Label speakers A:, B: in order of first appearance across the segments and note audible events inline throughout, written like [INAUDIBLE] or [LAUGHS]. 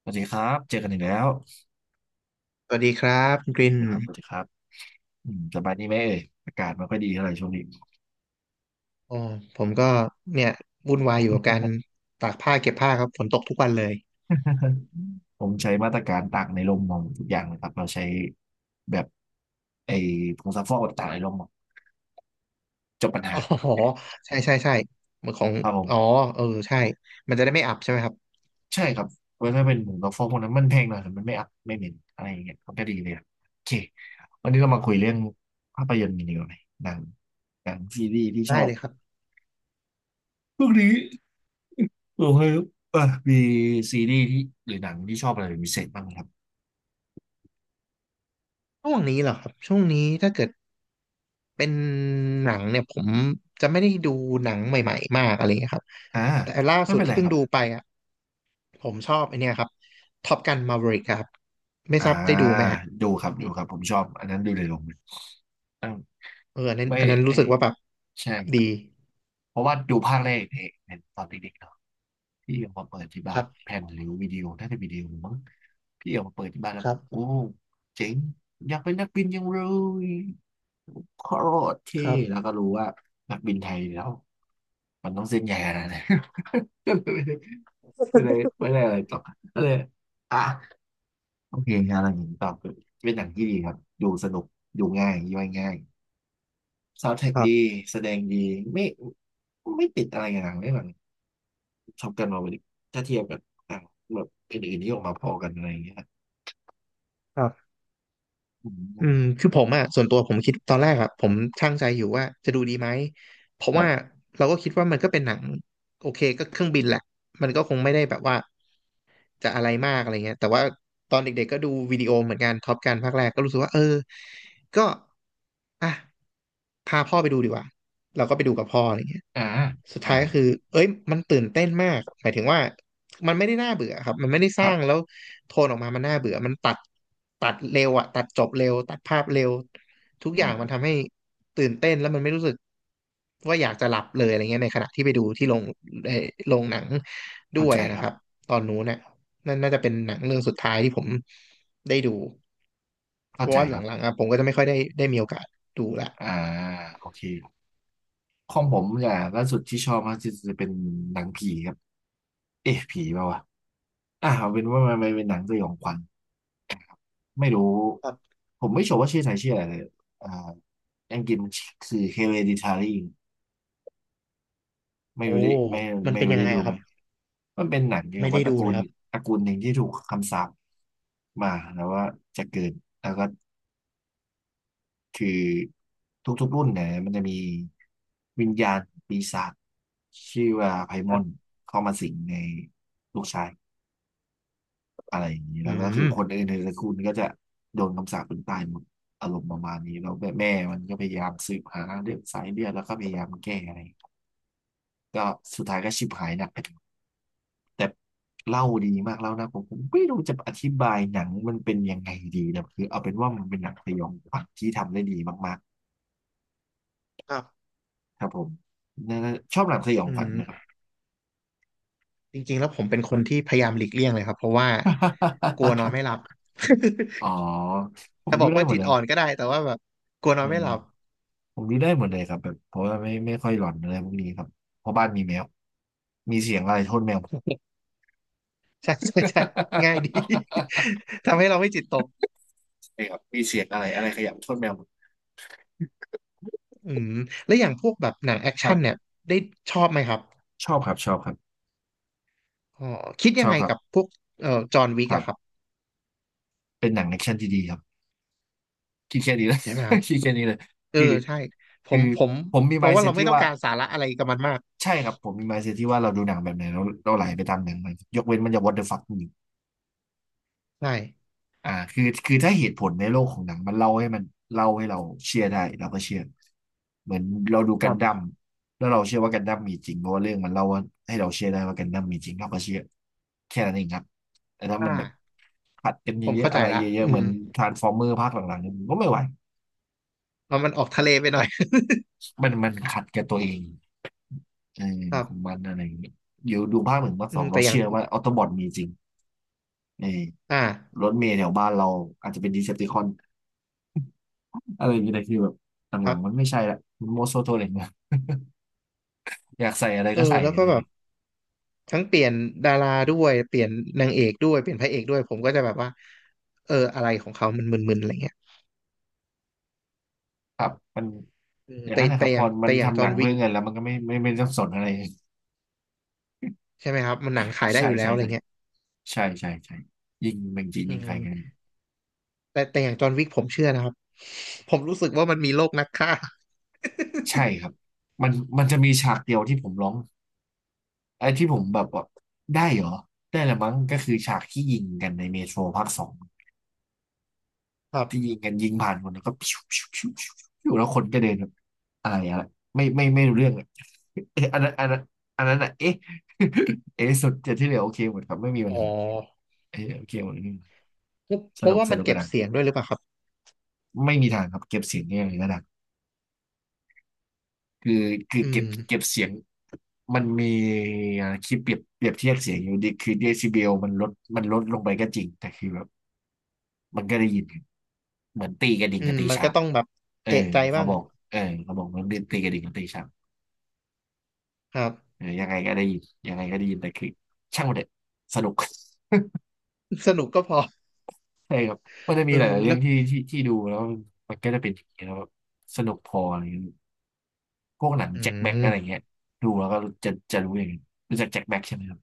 A: สวัสดีครับเจอกันอีกแล้ว
B: สวัสดีครับคุณกริ
A: สวั
B: น
A: สดีครับสวัสดีครับสบายดีไหมเอ่ยอากาศไม่ค่อยดีเท่าไหร่ช่วงนี้
B: อ๋อผมก็เนี่ยวุ่นวายอยู่กับการตากผ้าเก็บผ้าครับฝนตกทุกวันเลย
A: [LAUGHS] ผมใช้มาตรการตากในร่มมองทุกอย่างนะครับเราใช้แบบไอ้ผงซักฟอกตากในร่มมองจบปัญหา
B: อ๋อใช่ใช่ใช่เหมือนของ
A: ครับผ
B: อ๋อ
A: ม
B: เออใช่ มันจะได้ไม่อับใช่ไหมครับ
A: ใช่ครับเพราะถ้าเป็นผงซักฟอกพวกนั้นมันแพงหน่อยแต่มันไม่อัพไม่เหม็นอะไรอย่างเงี้ยมันก็ดีเลยอะโอเควันนี้เรามาคุยเรื่องภาพยนตร์กันดีกว่าไหมหนังหนังซีรีส์ที่ช
B: ได้
A: อบ
B: เลยครับ
A: พวกนี้ [LAUGHS] โอเคครับเอ่ะมีซีรีส์ที่หรือหนังที่ชอบอะไรเป็นพิเศษบ้างไหมครับ
B: ช่วงนี้เหรอครับช่วงนี้ถ้าเกิดเป็นหนังเนี่ยผมจะไม่ได้ดูหนังใหม่ๆมากอะไรเงี้ยครับ
A: อ่า
B: แต่ล่า
A: ไม่
B: สุด
A: เป็น
B: ที่
A: ไร
B: เพิ่
A: ค
B: ง
A: รับ
B: ดูไปอ่ะผมชอบไอเนี้ยครับท็อปกันมา v e ริกครับไม่
A: อ่า
B: ทราบได้ดูไหมฮะ
A: ดูครับดูครับผมชอบอันนั้นดูในโรงเลยอ่า
B: เอออันนั้น
A: ไม่
B: อันนั้น
A: เอ
B: รู้สึ
A: ย
B: กว่าแบบ
A: ใช่
B: ดี
A: เพราะว่าดูภาคแรกเองเป็นตอนเด็กๆเนาะพี่เอามาเปิดที่
B: ค
A: บ้า
B: รั
A: น
B: บ
A: แผ่นหรือวิดีโอน่าจะวิดีโอมั้งพี่เอามาเปิดที่บ้านแล้
B: ค
A: ว
B: รั
A: โอ้
B: บ
A: เจ๋งอยากเป็นนักบินยังเลยโคตรเท่
B: ครั
A: แล้ว
B: บ
A: ก็รู้ว่านักบินไทยแล้วมันต้องเส้นใหญ่ขนาดไหน [LAUGHS] ก็เลยไม่ได้ไม่ได้อะไรต่อก็เลยอ่ะ โอเคครับอย่างนี้ตอบคือเป็นหนังที่ดีครับดูสนุกดูง่ายย่อยง่ายซาวด์แทร็ก
B: ครั
A: ดี
B: บ
A: แสดงดีไม่ไม่ติดอะไรอย่างไม่แบบชอบกันมาวันนี้ถ้าเทียบกับหนังแบบอื่นๆที่ออกมาพอกันอะไรอย่างเงี้ย
B: ครับ
A: อื
B: อืม
A: ม
B: คือผมอ่ะส่วนตัวผมคิดตอนแรกอ่ะผมชั่งใจอยู่ว่าจะดูดีไหมเพราะ
A: ครั
B: ว่า
A: บ
B: เราก็คิดว่ามันก็เป็นหนังโอเคก็เครื่องบินแหละมันก็คงไม่ได้แบบว่าจะอะไรมากอะไรเงี้ยแต่ว่าตอนเด็กๆก็ดูวิดีโอเหมือนกันท็อปกันภาคแรกก็รู้สึกว่าเออ ก็อ่ะพาพ่อไปดูดีกว่า เราก็ไปดูกับพ่ออะไรเงี้ย
A: อ่า
B: สุด
A: อ่า
B: ท้ายก็คือเอ้ยมันตื่นเต้นมากหมายถึงว่า มันไม่ได้น่าเบื่อครับมันไม่ได้ส
A: ครั
B: ร้าง
A: บ
B: แล้วโทนออกมา มันน่าเบื่อ มันตัดเร็วอะตัดจบเร็ว ตัดภาพเร็ว ทุก
A: อื
B: อย่างมัน
A: ม
B: ทำให้ตื่นเต้นแล้วมันไม่รู้สึกว่าอยากจะหลับเลยอะไรเงี้ยในขณะที่ไปดูที่โรงเอ่อโรงหนังด้
A: เข้า
B: วย
A: ใจค
B: นะ
A: รั
B: ค
A: บ
B: รับ ตอนนู้นเนี่ยนั่นน่าจะเป็นหนังเรื่องสุดท้ายที่ผมได้ดูเพ
A: เข้า
B: ราะ
A: ใจ
B: ว่าห
A: ครับ
B: ลังๆอะผมก็จะไม่ค่อยได้มีโอกาสดูละ
A: อ่าโอเคของผมอย่างล่าสุดที่ชอบมากที่สุดจะเป็นหนังผีครับเอ๊ะผีเปล่าวะเอาเป็นว่ามันเป็นหนังสยองขวัญ ไม่รู้
B: ครับ
A: ผมไม่ชัวร์ว่าชื่อไทยชื่ออะไรเลยอ่าอังกฤษมันคือ Hereditary ไม่
B: โอ้
A: รู้ได้ไม่
B: มัน
A: ไม่
B: เป็น
A: รู้
B: ยัง
A: ได้
B: ไง
A: ดู
B: อะค
A: ไหม
B: รับ
A: มันเป็นหนังเกี่ยว
B: ไม่
A: กับ
B: ได้
A: ว่าตระ
B: ดู
A: กู
B: เลย
A: ล
B: ครับ
A: ตระกูลหนึ่งที่ถูกคำสาปมาแล้วว่าจะเกิดแล้วก็คือทุกๆรุ่นเนี่ยมันจะมีวิญญาณปีศาจชื่อว่าไพม
B: ครั
A: อน
B: บ
A: เข้ามาสิงในลูกชาย อะไรอย่างนี้
B: อื
A: แล้วก็คื
B: ม
A: อคนอื่นในตระกูลก็จะโดนคำสาปเป็นตายหมดอารมณ์ประมาณนี้แล้วแม่แมมันก็พยายามสืบหาเรื่องสายเลือดแล้วก็พยายามแก้อะไรก็สุดท้ายก็ชิบหายหนักไปทั้งหมดแต่เล่าดีมากเล่านะผมไม่รู้จะอธิบายหนังมันเป็นยังไงดีนะคือเอาเป็นว่ามันเป็นหนังสยองขวัญที่ทำได้ดีมาก
B: ครับ
A: ๆครับผมน่าชอบหนังสยอง
B: อื
A: ขวัญไหมครับ
B: ม จริงๆแล้วผมเป็นคนที่พยายามหลีกเลี่ยงเลยครับเพราะว่ากลัวนอนไม่หลับ
A: [LAUGHS] อ๋อผ
B: [LAUGHS]
A: ม
B: จะบ
A: ดู
B: อก
A: ได้
B: ว่า
A: หมด
B: จิต
A: เลย
B: อ่อนก็ได้แต่ว่าแบบกลัวน
A: เอ
B: อ
A: อ
B: นไม่หลับ
A: ผมนี่ได้หมดเลยครับแบบเพราะว่าไม่ค่อยหลอนอะไรพวกนี้ครับเพราะบ้านมีแมวมีเสียงอะไรโทษแมวหมด
B: [LAUGHS] ใช่ใช่ใช่ง่ายดี
A: [LAUGHS]
B: [LAUGHS] ทำให้เราไม่จิตตก
A: ใช่ครับมีเสียงอะไรอะไรขยับโทษแมวหมด
B: อืมแล้วอย่างพวกแบบหนังแอค
A: ครั
B: ชั่นเนี่ย
A: บ
B: ได้ชอบไหมครับ
A: ชอบครับชอบครับ
B: อ๋อคิด
A: ช
B: ยัง
A: อบ
B: ไง
A: ครับ
B: กับพวกจอห์นวิ
A: ค
B: ก
A: รั
B: อะครับ
A: บเป็นหนังแอคชั่นที่ดีครับคิดแค่นี้เละ
B: ใช่ไหมครับ
A: [LAUGHS] คิดแค่นี้เลย
B: เออ
A: คือ
B: ใช่ผ
A: คือ
B: มผม
A: ผมมี
B: เพราะว่าเรา
A: mindset
B: ไม่
A: ที่
B: ต้อง
A: ว่า
B: การสาระอะไรกับมันมาก
A: ใช่ครับผมมี mindset ที่ว่าเราดูหนังแบบไหนเราไหลไปตามหนังมันยกเว้นมันจะ what the fuck จริง
B: ใช่
A: คือถ้าเหตุผลในโลกของหนังมันเล่าให้มันเล่าให้เราเชื่อได้เราก็เชื่อเหมือนเราดู
B: ค
A: กั
B: รั
A: นดั้ม
B: บ
A: แล้วเราเชื่อว่ากันดั้มมีจริงเพราะว่าเรื่องมันเล่าว่าให้เราเชื่อได้ว่ากันดั้มมีจริงเราก็เชื่อแค่นั้นเองครับแต่ถ้ามันแบบ
B: อ่า
A: ขัดกัน
B: ผม
A: เยอะ
B: เข้า
A: ๆ
B: ใจ
A: อะไร
B: ละ
A: เยอะๆ
B: อื
A: เหมือ
B: ม
A: นทรานส์ฟอร์เมอร์ภาคหลังๆเนี่ยผมก็ไม่ไหว
B: เอามันออกทะเลไปหน่อย
A: มันขัดกับตัวเองเออ
B: [LAUGHS] ครั
A: ข
B: บ
A: องมันอะไรอย่างเงี้ยเดี๋ยวดูภาคหนึ่งภาค
B: อื
A: สอ
B: ม
A: ง
B: แต่
A: เรา
B: อย่าง
A: เชื่อว่าออโตบอทมีจริงเออ
B: อ่า
A: รถเมล์แถวบ้านเราอาจจะเป็นดีเซปติคอน อะไรอย่างเงี้ยแต่คือแบบห
B: ค
A: ลั
B: รั
A: งๆมัน
B: บ
A: ไม่ใช่ละมันโมโซโทเลกนะ [LAUGHS] อยากใส่อะไร
B: เออ
A: ก็ใส่
B: แล้ว
A: อะ
B: ก็
A: ไรอย่า
B: แบ
A: ง
B: บ
A: เงี้ย
B: ทั้งเปลี่ยนดาราด้วยเปลี่ยนนางเอกด้วยเปลี่ยนพระเอกด้วยผมก็จะแบบว่าเอออะไรของเขามันมึนๆอะไรเงี้ย
A: ครับมัน
B: อืม
A: อย่าง
B: แต่
A: นั้นนะค
B: แต่
A: รับ
B: อ
A: พ
B: ย่า
A: อ
B: ง
A: มั
B: แต่
A: น
B: อย่างจ
A: ทำห
B: อ
A: นั
B: ห์น
A: ง
B: วิ
A: เพื่
B: ก
A: อเงินแล้วมันก็ไม่ต้องสนอะไร
B: ใช่ไหมครับมันหนังขาย
A: [LAUGHS]
B: ได้
A: ใช่
B: อยู่แล้
A: ใช่
B: วอะไร
A: ใช่
B: เงี้ย
A: ใช่ใช่ใช่ยิงเมงจีน
B: อื
A: ยิงใครกัน
B: มแต่อย่างจอห์นวิกผมเชื่อนะครับผมรู้สึกว่ามันมีโลกนักฆ่า
A: ใช่ครับมันมันจะมีฉากเดียวที่ผมร้องไอ้ที่ผมแบบว่าได้เหรอได้ละมั้งก็คือฉากที่ยิงกันในเมโทรภาคสอง
B: [LAUGHS] ครับ
A: ที่ยิงกันยิงผ่านคนแล้วก็พิวพิวพิวพิวพิวแล้วคนก็เดินแบบอะไรอะไรไม่รู้เรื่องอะ [LAUGHS] เอะอันนั้นอันนั้นอ่ะเอ๊ะ [LAUGHS] เอ๊ะสุดแต่ที่เหลือโอเคหมดครับไม่มีปั
B: อ๋
A: ญหา
B: อ
A: เอ๊ะโอเคหมดไม่มีปัญหา
B: เพ
A: ส
B: ราะ
A: นุก
B: ว่า
A: ส
B: มัน
A: นุกก
B: เก็
A: ระ
B: บ
A: ดัง
B: เสียงด้วยหรือเปล่าครับ
A: ไม่มีทางครับเก็บเสียงเนี่ยกระดังคือคือ
B: อื
A: เก็บ
B: ม
A: เสียงมันมีคิดเปรียบเทียบเสียงอยู่ดีคือเดซิเบลมันลดลงไปก็จริงแต่คือแบบมันก็ได้ยินเหมือนตีกระดิ่ง
B: อื
A: กั
B: ม
A: บตี
B: มัน
A: ชา
B: ก็
A: บ
B: ต้องแบบ
A: เออ
B: เอะใจ
A: เขา
B: บ้าง
A: บอกเออเขาบอกมันเป็นตีกระดิ่งกับตีชาบ
B: ครับ
A: เออยังไงก็ได้ยินยังไงก็ได้ยิน แต่คือช่างมันเถอะสนุก [LAUGHS]
B: [LAUGHS] สนุกก็พอ
A: ใช่ครับมันจะ
B: เอ
A: มี
B: อ
A: หลายๆเรื่
B: แล้
A: อ
B: ว
A: งที่ดูแล้วมันก็จะเป็นอย่างนี้ยแล้วแบบสนุกพออะไรเงี้ยพวกหนัง
B: อื
A: แจ็คแบ็กอะไร
B: ม
A: เงี้ยดูแล้วก็จะรู้อย่างนี้ยรู้จักแจ็คแบ็กใช่ไหมครับ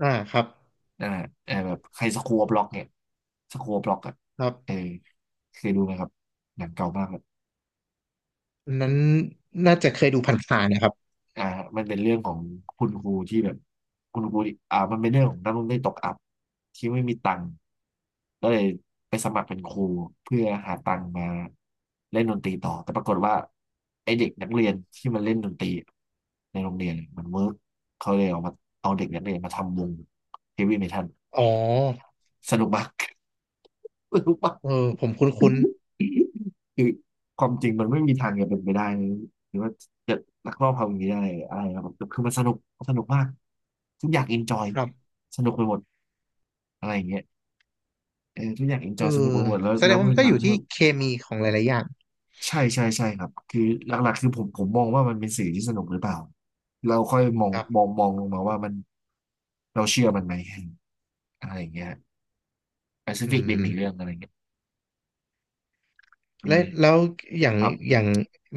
B: อ่าครับ
A: อ่าเออแบบใครสครัวบล็อกเนี่ยสครัวบล็อกอ่ะ
B: ครั
A: เออ
B: บ
A: เคยดูไหมครับหนังเก่ามากเลย
B: อันนั้นน่าจะเคยดูผ่านๆนะครับ
A: อ่าครับมันเป็นเรื่องของคุณครูที่แบบคุณครูที่มันเป็นเรื่องของนักเรียนตกอับที่ไม่มีตังค์ก็เลยไปสมัครเป็นครูเพื่อหาตังค์มาเล่นดนตรีต่อแต่ปรากฏว่าไอเด็กนักเรียนที่มันเล่นดนตรีในโรงเรียนมันเวิร์กเขาเลยเอามาเอาเด็กนักเรียนมาทำวงเฮฟวี่เมทัล
B: อ๋อ
A: สนุกมาก [LAUGHS] สนุกมาก
B: เออผมคุ้น
A: คือความจริงมันไม่มีทางจะเป็นไปได้เลยหรือว่าจะลักลอบทำอย่างนี้ได้อะไรนะครับแต่คือมันสนุกมันสนุกมากทุกอย่างเอนจอย
B: ๆครับ
A: สนุกไปหมดอะไรอย่างเงี้ยเออทุกอย่างเอนจ
B: เอ
A: อ
B: อ
A: ยสนุกไปหมดแล้ว
B: แสด
A: แล้
B: ง
A: ว
B: ว่า
A: มั
B: มั
A: น
B: นก็
A: หลั
B: อ
A: ง
B: ยู่
A: ที่
B: ที่
A: แบบ
B: เคมีของหลายๆอย่าง
A: ใช่ใช่ใช่ครับคือหลักๆคือผมมองว่ามันเป็นสื่อที่สนุกหรือเปล่าเราค่อยมอง
B: ครั
A: มอง
B: บ
A: มองลงมาว่ามันเราเชื่อมันไหมอะไรอย่างเงี้ย
B: อื
A: Pacific Rim อีกเรื่อง
B: ม
A: อะไรเงี้ยเป็น
B: และ
A: ไง
B: แล้วอย่าง
A: ครั
B: อ
A: บ
B: ย่าง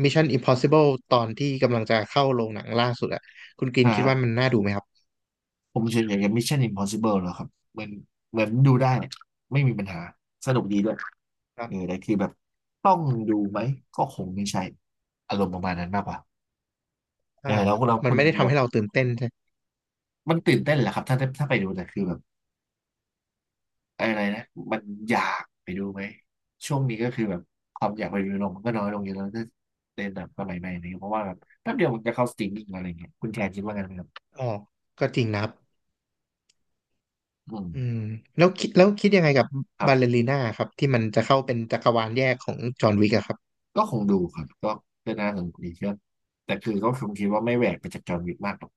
B: Mission Impossible ตอนที่กำลังจะเข้าโรงหนังล่าสุดอะคุณกินคิดว่า
A: อ่า
B: มันน่าดูไหมครับ
A: ผมเฉยๆกับ Mission Impossible แล้วครับเหมือนเหมือนดูได้ไม่มีปัญหาสนุกดีด้วย
B: ครั
A: เอ
B: บ
A: อแต่คือแบบต้องดูไหมก็คงไม่ใช่อารมณ์ประมาณนั้นมากกว่าเอ
B: อ่า
A: อแล้วเรา
B: มัน
A: คุณ
B: ไม่ได้ทำ
A: เรา
B: ให้เราตื่นเต้นใช่
A: มันตื่นเต้นแหละครับถ้าไปดูแต่คือแบบอะไรนะมันอยากไปดูไหมช่วงนี้ก็คือแบบความอยากไปดูลงมันก็น้อยลงเยอะแล้วถ้าเล่นแบบสมัยใหม่นี้เพราะว่าแบบแป๊บเดียวมันจะเข้าสตรีมมิ่งอะไรเงี้ยคุณแทนคิดว่าไงไหมครับ
B: อ๋อก็จริงนะครับ
A: อืม
B: อืมแล้วคิดยังไงกับ
A: ครับ
B: บาลเลรีน่าครับที่มันจะเข้าเป็นจักรวาลแยกของจอห์นวิกอะครับ
A: ก็คงดูครับก็ก็น่าสนุกดีครับแต่คือก็คงคิดว่าไม่แหวกไปจากจอห์นวิกมากหรอก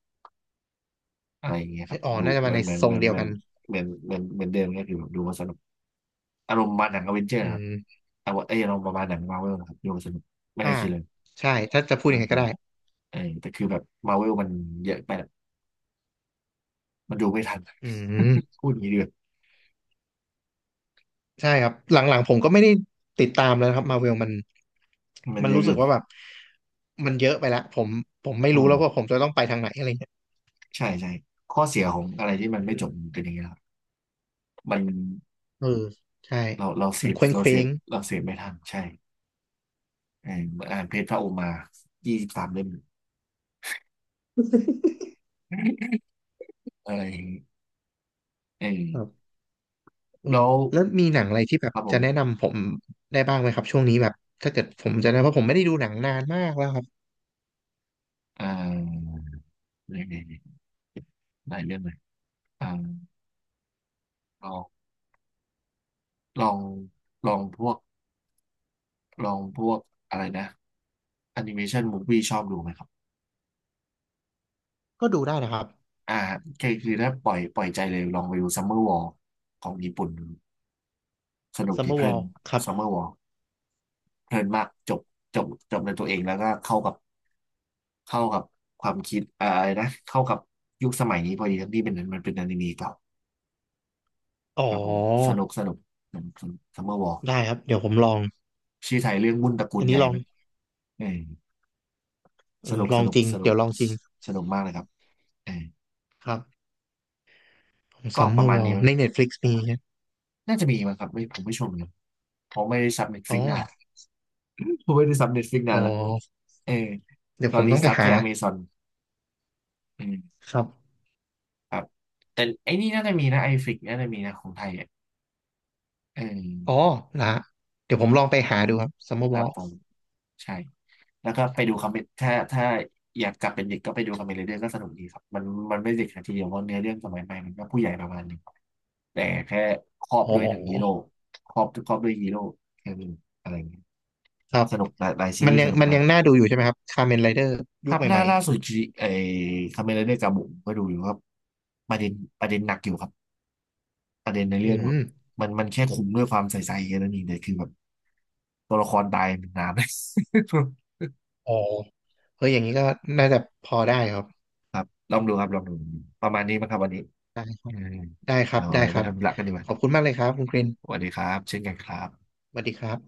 A: อะไรอย่างเงี้ยค
B: ใช่
A: รับ
B: อ๋อ
A: ดู
B: น่าจะ
A: เห
B: มา
A: มือ
B: ใน
A: นเหมือน
B: ทร
A: เหมื
B: ง
A: อน
B: เดีย
A: เห
B: ว
A: มือน
B: กัน
A: เหมือนเหมือนเหมือนเดิมก็คือแบบดูมาสนุกอารมณ์ประมาณหนังอเวนเจอร์
B: อื
A: ครับ
B: ม
A: แต่ว่าเอออารมณ์ประมาณหนังมาเวลครับดูมาสนุกไม่
B: อ่า
A: ได้คิดเลย
B: ใช่ถ้าจะพูด
A: ไม่
B: อย่าง
A: ได้
B: ไง
A: คิ
B: ก็
A: ดเล
B: ได้
A: ยเออแต่คือแบบมาเวลมันเยอะไปอะมันดูไม่ทัน
B: อืม
A: พูดอย่างนี้ดีกว่า
B: ใช่ครับหลังๆผมก็ไม่ได้ติดตามแล้วนะครับมาเวลมัน
A: มัน
B: มัน
A: เยอะ
B: รู้
A: เกิ
B: สึก
A: น
B: ว่าแบบมันเยอะไปละผมไม่
A: อื
B: รู้
A: ม
B: แล้วว่าผมจะต้องไปทางไหนอะไรเงี้ย
A: ใช่ใช่ข้อเสียของอะไรที่มันไม่
B: อื
A: จบ
B: ม
A: มันเป็นอย่างเงี้ยครับมัน
B: เออใช่
A: เราเราเส
B: มัน
A: พ
B: เคว้ง
A: เรา
B: เค
A: เส
B: ว้
A: พ
B: ง
A: เราเสพไม่ทันใช่ เออเหมือนอ่านเพจพระโอมา23 เล่มอะไรอย่างงี้เอ
B: ครั
A: อ
B: บเออ
A: แล้ว
B: แล้วมีหนังอะไรที่แบ
A: ค
B: บ
A: รับผ
B: จะ
A: ม
B: แนะนำผมได้บ้างไหมครับช่วงนี้แบบถ้าเกิดผมจะนะเพราะผมไม่ได้ดูหนังนานมากแล้วครับ
A: อ่าเนี่ยหลายเรื่องเลยอ่าลองลองลองพวกลองพวกอะไรนะแอนิเมชันมูฟวี่ชอบดูไหมครับ
B: ก็ดูได้นะครับ
A: อ่าคือถ้าปล่อยใจเลยลองไปดูซัมเมอร์วอลของญี่ปุ่น สนุกดีเพลิน
B: Summerwall ครับ
A: ซัมเมอร์วอลเพลินมากจบจบในตัวเองแล้วก็เข้ากับความคิดอาอะไรนะเข้ากับยุคสมัยนี้พอดีทั้งที่เป็นมันเป็นอนิเมะเก่า
B: อ๋อ
A: ครับผมสนุกสนุกสนุกซัมเมอร์วอร์
B: ได้ครับเดี๋ยวผมลอง
A: ชื่อไทยเรื่องวุ่นตระกู
B: อั
A: ล
B: น
A: ให
B: นี้
A: ญ่
B: ลอง
A: มันเออ
B: เอ
A: ส
B: อ
A: นุก
B: ล
A: ส
B: อง
A: นุก
B: จริง
A: สนุ
B: เดี๋
A: ก
B: ยวลองจริง
A: สนุกมากเลยครับเออ
B: ครับ
A: ก็
B: ซัม
A: ป
B: เมอ
A: ระ
B: ร์
A: มา
B: ว
A: ณ
B: อ
A: นี้
B: ล
A: มั้ง
B: ใน Netflix มีใช่ไหม
A: น่าจะมีมั้งครับไม่ผมไม่ชมเลยเพราะไม่ได้ซับเน็ตฟ
B: อ๋อ
A: ลิกนาน [LAUGHS] ผมไม่ได้ซับเน็ตฟลิก
B: อ๋
A: นา
B: อ
A: นละเออ
B: เดี๋ย
A: ต
B: ว
A: อ
B: ผ
A: น
B: ม
A: นี้
B: ต้องไป
A: ซับ
B: หา
A: แค่อเมซอนเออ
B: ครับ
A: ครับแต่ไอ้นี่น่าจะมีนะไอฟิกน่าจะมีนะของไทยอ่ะเ
B: อ๋อ
A: ออ
B: นะเดี๋ยวผมลองไปหาดูครับซัมเม
A: ค
B: อร์ว
A: รั
B: อ
A: บ
B: ล
A: ผมใช่แล้วก็ไปดูคอมเมนถ้าอยากกลับเป็นเด็กก็ไปดูคอมเมนเรื่องก็สนุกดีครับมันมันไม่เด็กขนาดทีเดียวเพราะเนื้อเรื่องสมัยใหม่มันก็ผู้ใหญ่ประมาณหนึงแต่แค่ครอบ
B: อ๋
A: ด้
B: อ
A: วยหนังฮีโร่ครอบด้วยฮีโร่แค่นี้อะไรอย่างเงี้ย
B: ครับ
A: สนุกหลายหลายซี
B: มัน
A: รีส์
B: ยั
A: ส
B: ง
A: นุก
B: มัน
A: มา
B: ยั
A: ก
B: งน่าดูอยู่ใช่ไหมครับคา m เมนไรเดอร์
A: ค
B: ยุ
A: รั
B: ค
A: บ
B: ให
A: ล่า
B: ม่ๆ
A: ล่า
B: อะ
A: สุดที่ไอ้คอมเมนเรื่องกาบุก็ดูอยู่ครับประเด็นประเด็นหนักอยู่ครับประเด็นใน
B: อื
A: เรื่องแบบ
B: ม
A: มันแค่คุมด้วยความใส่ใจแค่นั้นเองแต่คือแบบตัวละครตายเป็นน้ำ [LAUGHS] เลย [LAUGHS]
B: อ๋อเฮ้ยอย่างนี้ก็น่าจะพอได้ครับ
A: ครับลองดูครับลองดูประมาณนี้มั้งครับวันนี้
B: ได้ครั
A: อื
B: บ
A: ม
B: ได้ครั
A: เดี๋ย
B: บ
A: ว
B: ได้
A: เรา
B: ค
A: ไป
B: รับ
A: ทำธุระกันดีกว่า
B: ขอบคุณมากเลยครับคุณกริน
A: สวัสดีครับเช่นกันครับ
B: สวัสดีครับ